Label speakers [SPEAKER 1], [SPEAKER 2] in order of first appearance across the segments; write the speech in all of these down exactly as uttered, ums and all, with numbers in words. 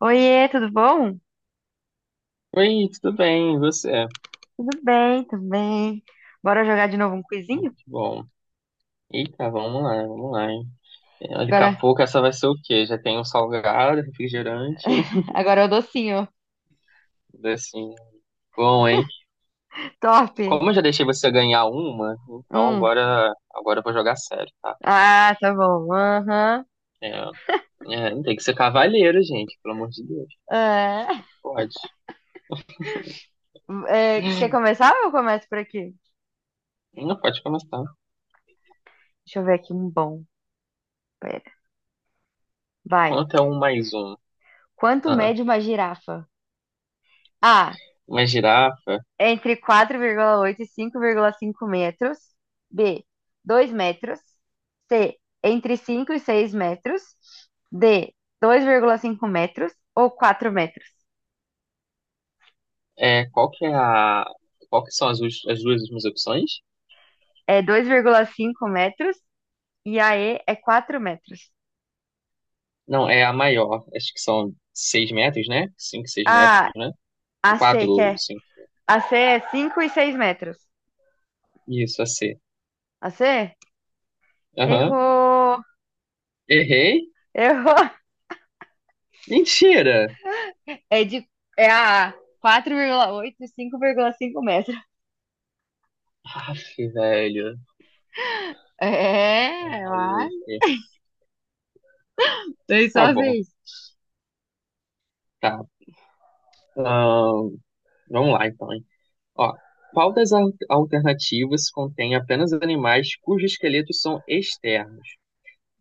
[SPEAKER 1] Oiê, tudo bom?
[SPEAKER 2] Oi, tudo bem? E você?
[SPEAKER 1] Tudo bem, tudo bem. Bora jogar de novo um quizinho?
[SPEAKER 2] Que bom! Eita, vamos lá, vamos lá, hein? É, olha, daqui a
[SPEAKER 1] Agora,
[SPEAKER 2] pouco essa vai ser o quê? Já tem um salgado, refrigerante,
[SPEAKER 1] agora é o docinho.
[SPEAKER 2] tudo assim, né? Bom, hein?
[SPEAKER 1] Top.
[SPEAKER 2] Como eu já deixei você ganhar uma, então
[SPEAKER 1] Hum.
[SPEAKER 2] agora, agora eu vou jogar sério, tá?
[SPEAKER 1] Ah, tá bom. Aham.
[SPEAKER 2] É, é, tem que ser cavaleiro, gente, pelo amor de Deus.
[SPEAKER 1] É.
[SPEAKER 2] Pode.
[SPEAKER 1] É, quer começar ou eu começo por aqui?
[SPEAKER 2] Não pode começar.
[SPEAKER 1] Deixa eu ver aqui um bom. Pera. Vai.
[SPEAKER 2] Quanto é um mais um?
[SPEAKER 1] Quanto
[SPEAKER 2] Ah,
[SPEAKER 1] mede uma girafa? A.
[SPEAKER 2] uma girafa.
[SPEAKER 1] Entre quatro vírgula oito e cinco vírgula cinco metros. B. Dois metros. C. Entre cinco e seis metros. D. Dois vírgula cinco metros ou quatro metros?
[SPEAKER 2] É, qual que é a. Qual que são as, us- as duas últimas opções?
[SPEAKER 1] É dois vírgula cinco metros e a E é quatro metros.
[SPEAKER 2] Não, é a maior. Acho que são seis metros, né? Cinco, seis metros,
[SPEAKER 1] A,
[SPEAKER 2] né?
[SPEAKER 1] a C,
[SPEAKER 2] Quatro,
[SPEAKER 1] que é?
[SPEAKER 2] cinco,
[SPEAKER 1] A C é cinco e seis metros.
[SPEAKER 2] isso, a C.
[SPEAKER 1] A C?
[SPEAKER 2] Aham.
[SPEAKER 1] Errou!
[SPEAKER 2] Errei?
[SPEAKER 1] Errou!
[SPEAKER 2] Mentira!
[SPEAKER 1] É de, É a A. Quatro vírgula oito e cinco vírgula cinco metros.
[SPEAKER 2] Aff, velho. Tá
[SPEAKER 1] É, vai.
[SPEAKER 2] maluco.
[SPEAKER 1] Foi
[SPEAKER 2] Tá
[SPEAKER 1] só
[SPEAKER 2] bom,
[SPEAKER 1] vez.
[SPEAKER 2] tá. Ahn, vamos lá, então, hein? Ó, qual das al- alternativas contém apenas animais cujos esqueletos são externos?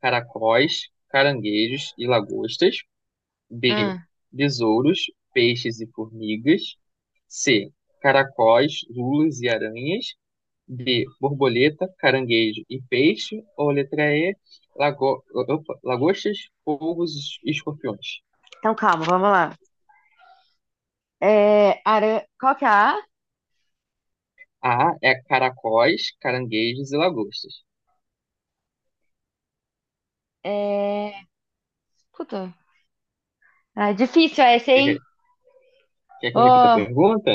[SPEAKER 2] Caracóis, caranguejos e lagostas. B.
[SPEAKER 1] Hum.
[SPEAKER 2] Besouros, peixes e formigas. C. Caracóis, lulas e aranhas. D. Borboleta, caranguejo e peixe. Ou letra E. Lago... opa, lagostas, polvos e escorpiões.
[SPEAKER 1] Então calma, vamos lá. É, ara... qual que é a A?
[SPEAKER 2] A. É caracóis, caranguejos e lagostas.
[SPEAKER 1] É... Puta. É difícil essa,
[SPEAKER 2] Quer
[SPEAKER 1] hein?
[SPEAKER 2] que, quer que eu repita a
[SPEAKER 1] Oh,
[SPEAKER 2] pergunta?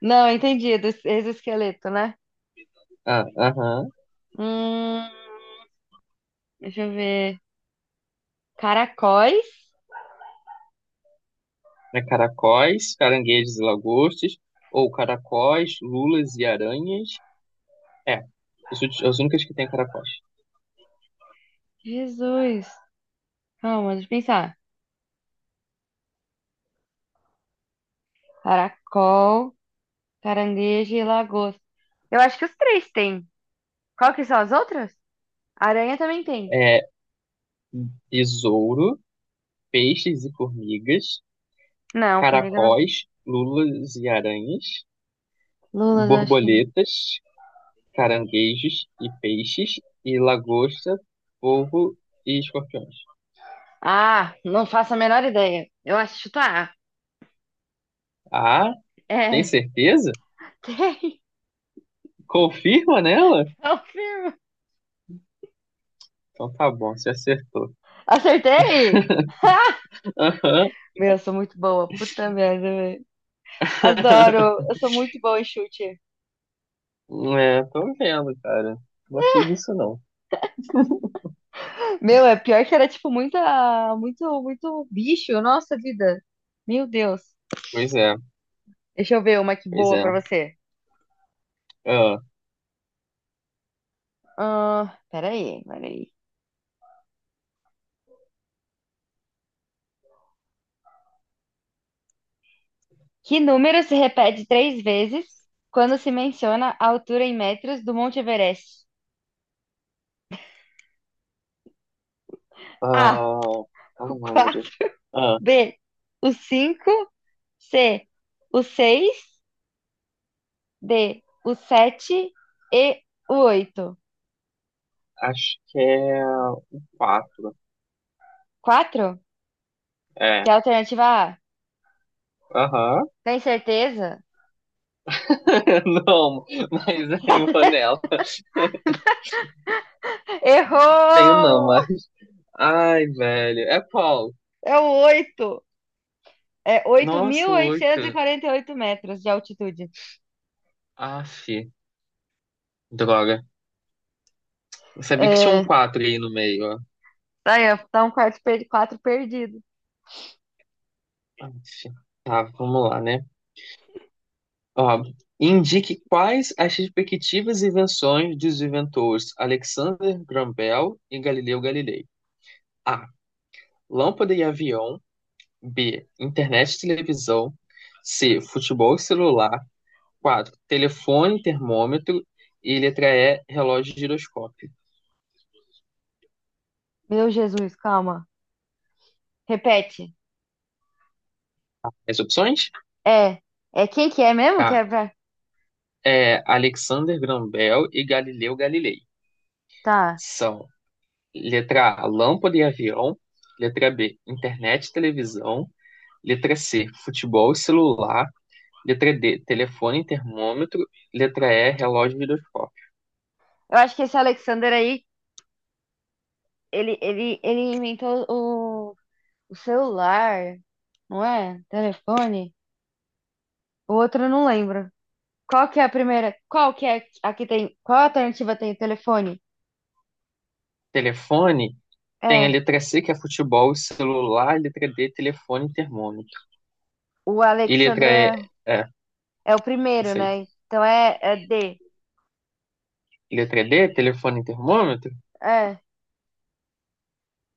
[SPEAKER 1] não, entendi. Do exoesqueleto, né?
[SPEAKER 2] Ah, aham.
[SPEAKER 1] Hum, Deixa eu ver. Caracóis?
[SPEAKER 2] É caracóis, caranguejos e lagostas. Ou caracóis, lulas e aranhas. É. As últi- as únicas que tem é caracóis.
[SPEAKER 1] Jesus. Calma, deixa eu pensar. Caracol, caranguejo e lagosta. Eu acho que os três têm. Qual que são as outras? Aranha também tem.
[SPEAKER 2] É besouro, peixes e formigas.
[SPEAKER 1] Não, formiga não.
[SPEAKER 2] Caracóis, lulas e aranhas,
[SPEAKER 1] Lula, eu acho que não.
[SPEAKER 2] borboletas, caranguejos e peixes, e lagosta, polvo e escorpiões.
[SPEAKER 1] Ah, não faço a menor ideia. Eu acho chutar.
[SPEAKER 2] Ah, tem
[SPEAKER 1] É,
[SPEAKER 2] certeza?
[SPEAKER 1] tem.
[SPEAKER 2] Confirma nela?
[SPEAKER 1] Confirmo.
[SPEAKER 2] Então tá bom, você acertou.
[SPEAKER 1] Acertei?
[SPEAKER 2] Aham.
[SPEAKER 1] Meu, eu sou muito boa. Puta merda, velho. Adoro. Eu sou muito boa em chute.
[SPEAKER 2] É, tô vendo, cara. Não gostei disso, não.
[SPEAKER 1] Meu, é pior que era tipo muita, muito, muito bicho, nossa vida. Meu Deus.
[SPEAKER 2] Pois é,
[SPEAKER 1] Deixa eu ver uma que
[SPEAKER 2] pois
[SPEAKER 1] boa
[SPEAKER 2] é.
[SPEAKER 1] pra você.
[SPEAKER 2] Ah,
[SPEAKER 1] Ah, peraí, peraí. Que número se repete três vezes quando se menciona a altura em metros do Monte Everest? A,
[SPEAKER 2] ah, qual
[SPEAKER 1] o
[SPEAKER 2] o número?
[SPEAKER 1] quatro.
[SPEAKER 2] Ah,
[SPEAKER 1] B, o cinco. C, o seis. D, o sete. E o oito.
[SPEAKER 2] acho que é o quatro.
[SPEAKER 1] Quatro? Que
[SPEAKER 2] É.
[SPEAKER 1] é a alternativa A.
[SPEAKER 2] Aham.
[SPEAKER 1] Tem certeza?
[SPEAKER 2] Não, mas é Vanella. Tenho não,
[SPEAKER 1] Errou!
[SPEAKER 2] mas. Ai, velho. É qual.
[SPEAKER 1] É o oito. É oito mil
[SPEAKER 2] Nossa, o
[SPEAKER 1] oitocentos e e
[SPEAKER 2] oito.
[SPEAKER 1] quarenta e oito metros de altitude.
[SPEAKER 2] Aff, droga. Eu sabia que tinha um
[SPEAKER 1] É,
[SPEAKER 2] quatro aí no meio, ó.
[SPEAKER 1] tá aí, ó, tá um quarto per- quatro perdido.
[SPEAKER 2] Aff. Tá, vamos lá, né? Ó, indique quais as respectivas invenções dos inventores Alexander Graham Bell e Galileu Galilei. A. Lâmpada e avião. B. Internet e televisão. C. Futebol e celular. Quatro, telefone, termômetro e letra E, relógio e giroscópio.
[SPEAKER 1] Meu Jesus, calma. Repete.
[SPEAKER 2] As opções?
[SPEAKER 1] É, é quem que é mesmo que
[SPEAKER 2] Tá.
[SPEAKER 1] é pra...
[SPEAKER 2] É Alexander Graham Bell e Galileu Galilei.
[SPEAKER 1] Tá.
[SPEAKER 2] São letra A, lâmpada e avião. Letra B, internet e televisão. Letra C, futebol e celular. Letra D, telefone e termômetro. Letra E, relógio e giroscópio.
[SPEAKER 1] Eu acho que esse Alexander aí, ele, ele, ele inventou o, o celular, não é? Telefone. O outro eu não lembro. Qual que é a primeira? Qual que é a que tem? Qual alternativa tem o telefone?
[SPEAKER 2] Telefone tem a
[SPEAKER 1] É,
[SPEAKER 2] letra C, que é futebol e celular. Letra D, telefone e termômetro.
[SPEAKER 1] o
[SPEAKER 2] E
[SPEAKER 1] Alexander
[SPEAKER 2] letra E,
[SPEAKER 1] é,
[SPEAKER 2] é,
[SPEAKER 1] é o
[SPEAKER 2] não
[SPEAKER 1] primeiro,
[SPEAKER 2] sei.
[SPEAKER 1] né? Então é, é D.
[SPEAKER 2] Letra D, telefone e termômetro?
[SPEAKER 1] É.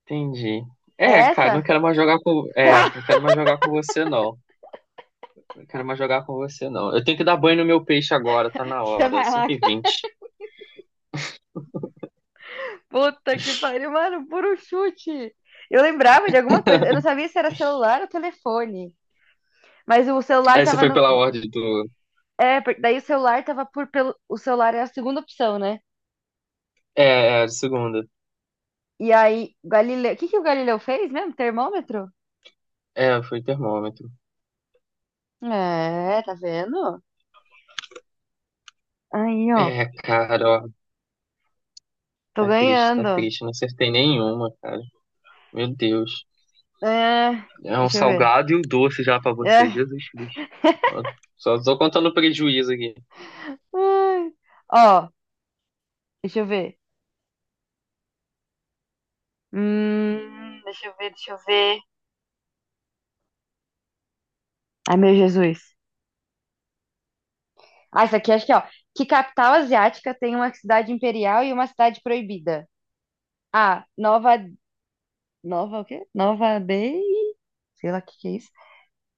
[SPEAKER 2] Entendi.
[SPEAKER 1] É
[SPEAKER 2] É, cara, não
[SPEAKER 1] essa?
[SPEAKER 2] quero mais jogar com. É, não quero mais jogar com você, não. Não quero mais jogar com você, não. Eu tenho que dar banho no meu peixe agora, tá na
[SPEAKER 1] Você
[SPEAKER 2] hora,
[SPEAKER 1] vai lá.
[SPEAKER 2] cinco e vinte e vinte.
[SPEAKER 1] Puta que pariu, mano, puro chute. Eu lembrava de alguma coisa. Eu não sabia se era celular ou telefone. Mas o celular
[SPEAKER 2] Essa
[SPEAKER 1] tava
[SPEAKER 2] foi
[SPEAKER 1] no.
[SPEAKER 2] pela ordem do.
[SPEAKER 1] É, porque daí o celular tava por. Pelo... O celular é a segunda opção, né?
[SPEAKER 2] É, é, segunda.
[SPEAKER 1] E aí, Galileu. O que que o Galileu fez mesmo? Termômetro?
[SPEAKER 2] É, foi termômetro.
[SPEAKER 1] É, tá vendo? Aí, ó.
[SPEAKER 2] É, cara, ó,
[SPEAKER 1] Tô
[SPEAKER 2] tá triste, tá
[SPEAKER 1] ganhando.
[SPEAKER 2] triste. Não acertei nenhuma, cara. Meu Deus.
[SPEAKER 1] É,
[SPEAKER 2] É um
[SPEAKER 1] deixa eu ver.
[SPEAKER 2] salgado e um doce já pra você,
[SPEAKER 1] É.
[SPEAKER 2] Jesus Cristo. Ó, só tô contando prejuízo aqui.
[SPEAKER 1] Ai. Ó, deixa eu ver. Hum, deixa eu ver, deixa eu ver. Ai, meu Jesus. Ah, isso aqui acho que, ó. Que capital asiática tem uma cidade imperial e uma cidade proibida? A. Nova. Nova o quê? Nova Bay. Sei lá o que que é isso.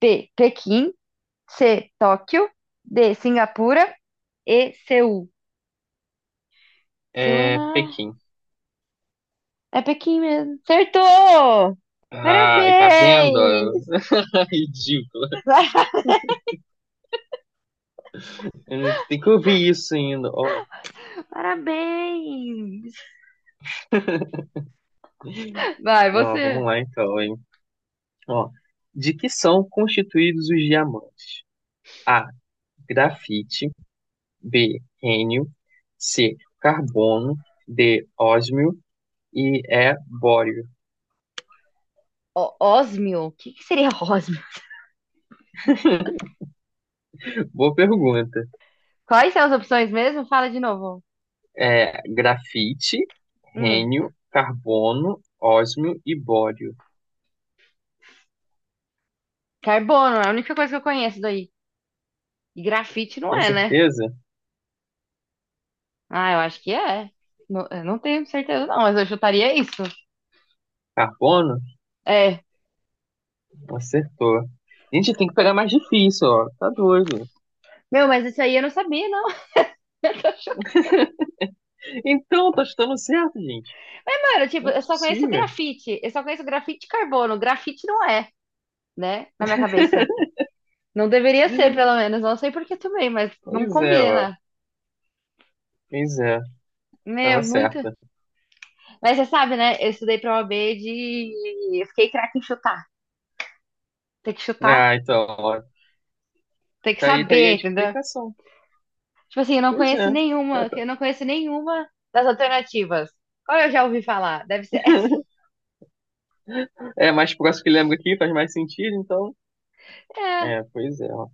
[SPEAKER 1] B. Pequim. C. Tóquio. D. Singapura. E. Seul. Seul é
[SPEAKER 2] É,
[SPEAKER 1] na.
[SPEAKER 2] Pequim.
[SPEAKER 1] É Pequim mesmo. Acertou!
[SPEAKER 2] Ai, tá vendo?
[SPEAKER 1] Parabéns!
[SPEAKER 2] Ridículo. Eh, tem que ouvir isso ainda. Ó,
[SPEAKER 1] Parabéns! Vai,
[SPEAKER 2] não,
[SPEAKER 1] você.
[SPEAKER 2] vamos lá então, hein? Ó, de que são constituídos os diamantes? A. Grafite. B. Rênio. C. Carbono. D. Ósmio. E E. Bório.
[SPEAKER 1] Ó, ósmio? O que que seria ósmio?
[SPEAKER 2] Boa pergunta.
[SPEAKER 1] Quais são as opções mesmo? Fala de novo.
[SPEAKER 2] É, grafite,
[SPEAKER 1] Hum,
[SPEAKER 2] rênio, carbono, ósmio e bório.
[SPEAKER 1] Carbono, é a única coisa que eu conheço daí. E grafite não
[SPEAKER 2] Tem
[SPEAKER 1] é, né?
[SPEAKER 2] certeza?
[SPEAKER 1] Ah, eu acho que é. Não, eu não tenho certeza, não, mas eu chutaria isso.
[SPEAKER 2] Carbono?
[SPEAKER 1] É.
[SPEAKER 2] Acertou. Gente, tem que pegar mais difícil, ó. Tá doido.
[SPEAKER 1] Meu, mas isso aí eu não sabia, não.
[SPEAKER 2] Então, tá chutando certo, gente.
[SPEAKER 1] Mano, tipo,
[SPEAKER 2] Não é
[SPEAKER 1] eu só conheço
[SPEAKER 2] possível.
[SPEAKER 1] grafite. Eu só conheço grafite de carbono. Grafite não é, né? Na minha cabeça. Não deveria ser, pelo menos. Não sei por que também, mas não
[SPEAKER 2] Pois é, ó.
[SPEAKER 1] combina.
[SPEAKER 2] Pois é. Estava
[SPEAKER 1] Meu, muito.
[SPEAKER 2] certa.
[SPEAKER 1] Mas você sabe, né? Eu estudei pra O A B de. Eu fiquei craque em chutar. Tem que chutar,
[SPEAKER 2] Ah, então, ó.
[SPEAKER 1] tem que
[SPEAKER 2] Tá aí, tá aí a
[SPEAKER 1] saber, entendeu?
[SPEAKER 2] explicação.
[SPEAKER 1] Tipo assim, eu não
[SPEAKER 2] Pois
[SPEAKER 1] conheço
[SPEAKER 2] é. Tá,
[SPEAKER 1] nenhuma.
[SPEAKER 2] tá.
[SPEAKER 1] Eu não conheço nenhuma das alternativas. Qual eu já ouvi falar? Deve ser
[SPEAKER 2] É mais próximo que lembro aqui, faz mais sentido, então.
[SPEAKER 1] É.
[SPEAKER 2] É, pois é, ó.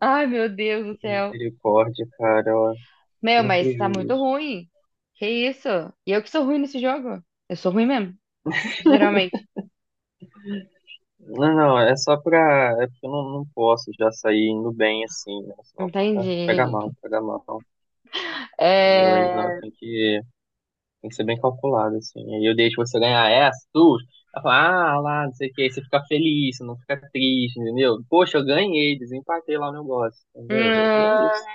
[SPEAKER 1] Ai, meu Deus do céu.
[SPEAKER 2] Misericórdia, cara, ó. Que
[SPEAKER 1] Meu, mas tá muito
[SPEAKER 2] prejuízo.
[SPEAKER 1] ruim. Que isso? E eu que sou ruim nesse jogo. Eu sou ruim mesmo, geralmente.
[SPEAKER 2] Não, não, é só pra. É porque eu não, não posso já sair indo bem assim, né? Senão fica- pega
[SPEAKER 1] Entendi.
[SPEAKER 2] mal, pega mal, entendeu? Aí não,
[SPEAKER 1] É...
[SPEAKER 2] tem que. Tem que ser bem calculado, assim. Aí eu deixo você ganhar essa, duas. Ela fala, ah, lá, não sei o que. Aí você fica feliz, você não fica triste, entendeu? Poxa, eu ganhei, desempatei lá o negócio, entendeu? E é
[SPEAKER 1] hum,
[SPEAKER 2] isso.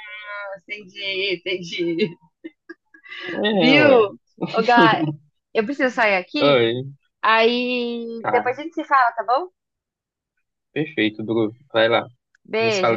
[SPEAKER 1] Entendi, entendi.
[SPEAKER 2] É, ué.
[SPEAKER 1] Viu? Ô, Gá, eu preciso sair aqui.
[SPEAKER 2] Oi,
[SPEAKER 1] Aí
[SPEAKER 2] tá.
[SPEAKER 1] depois a gente se fala, tá bom?
[SPEAKER 2] Perfeito, Bru. Vai lá. A gente se fala
[SPEAKER 1] Beijo.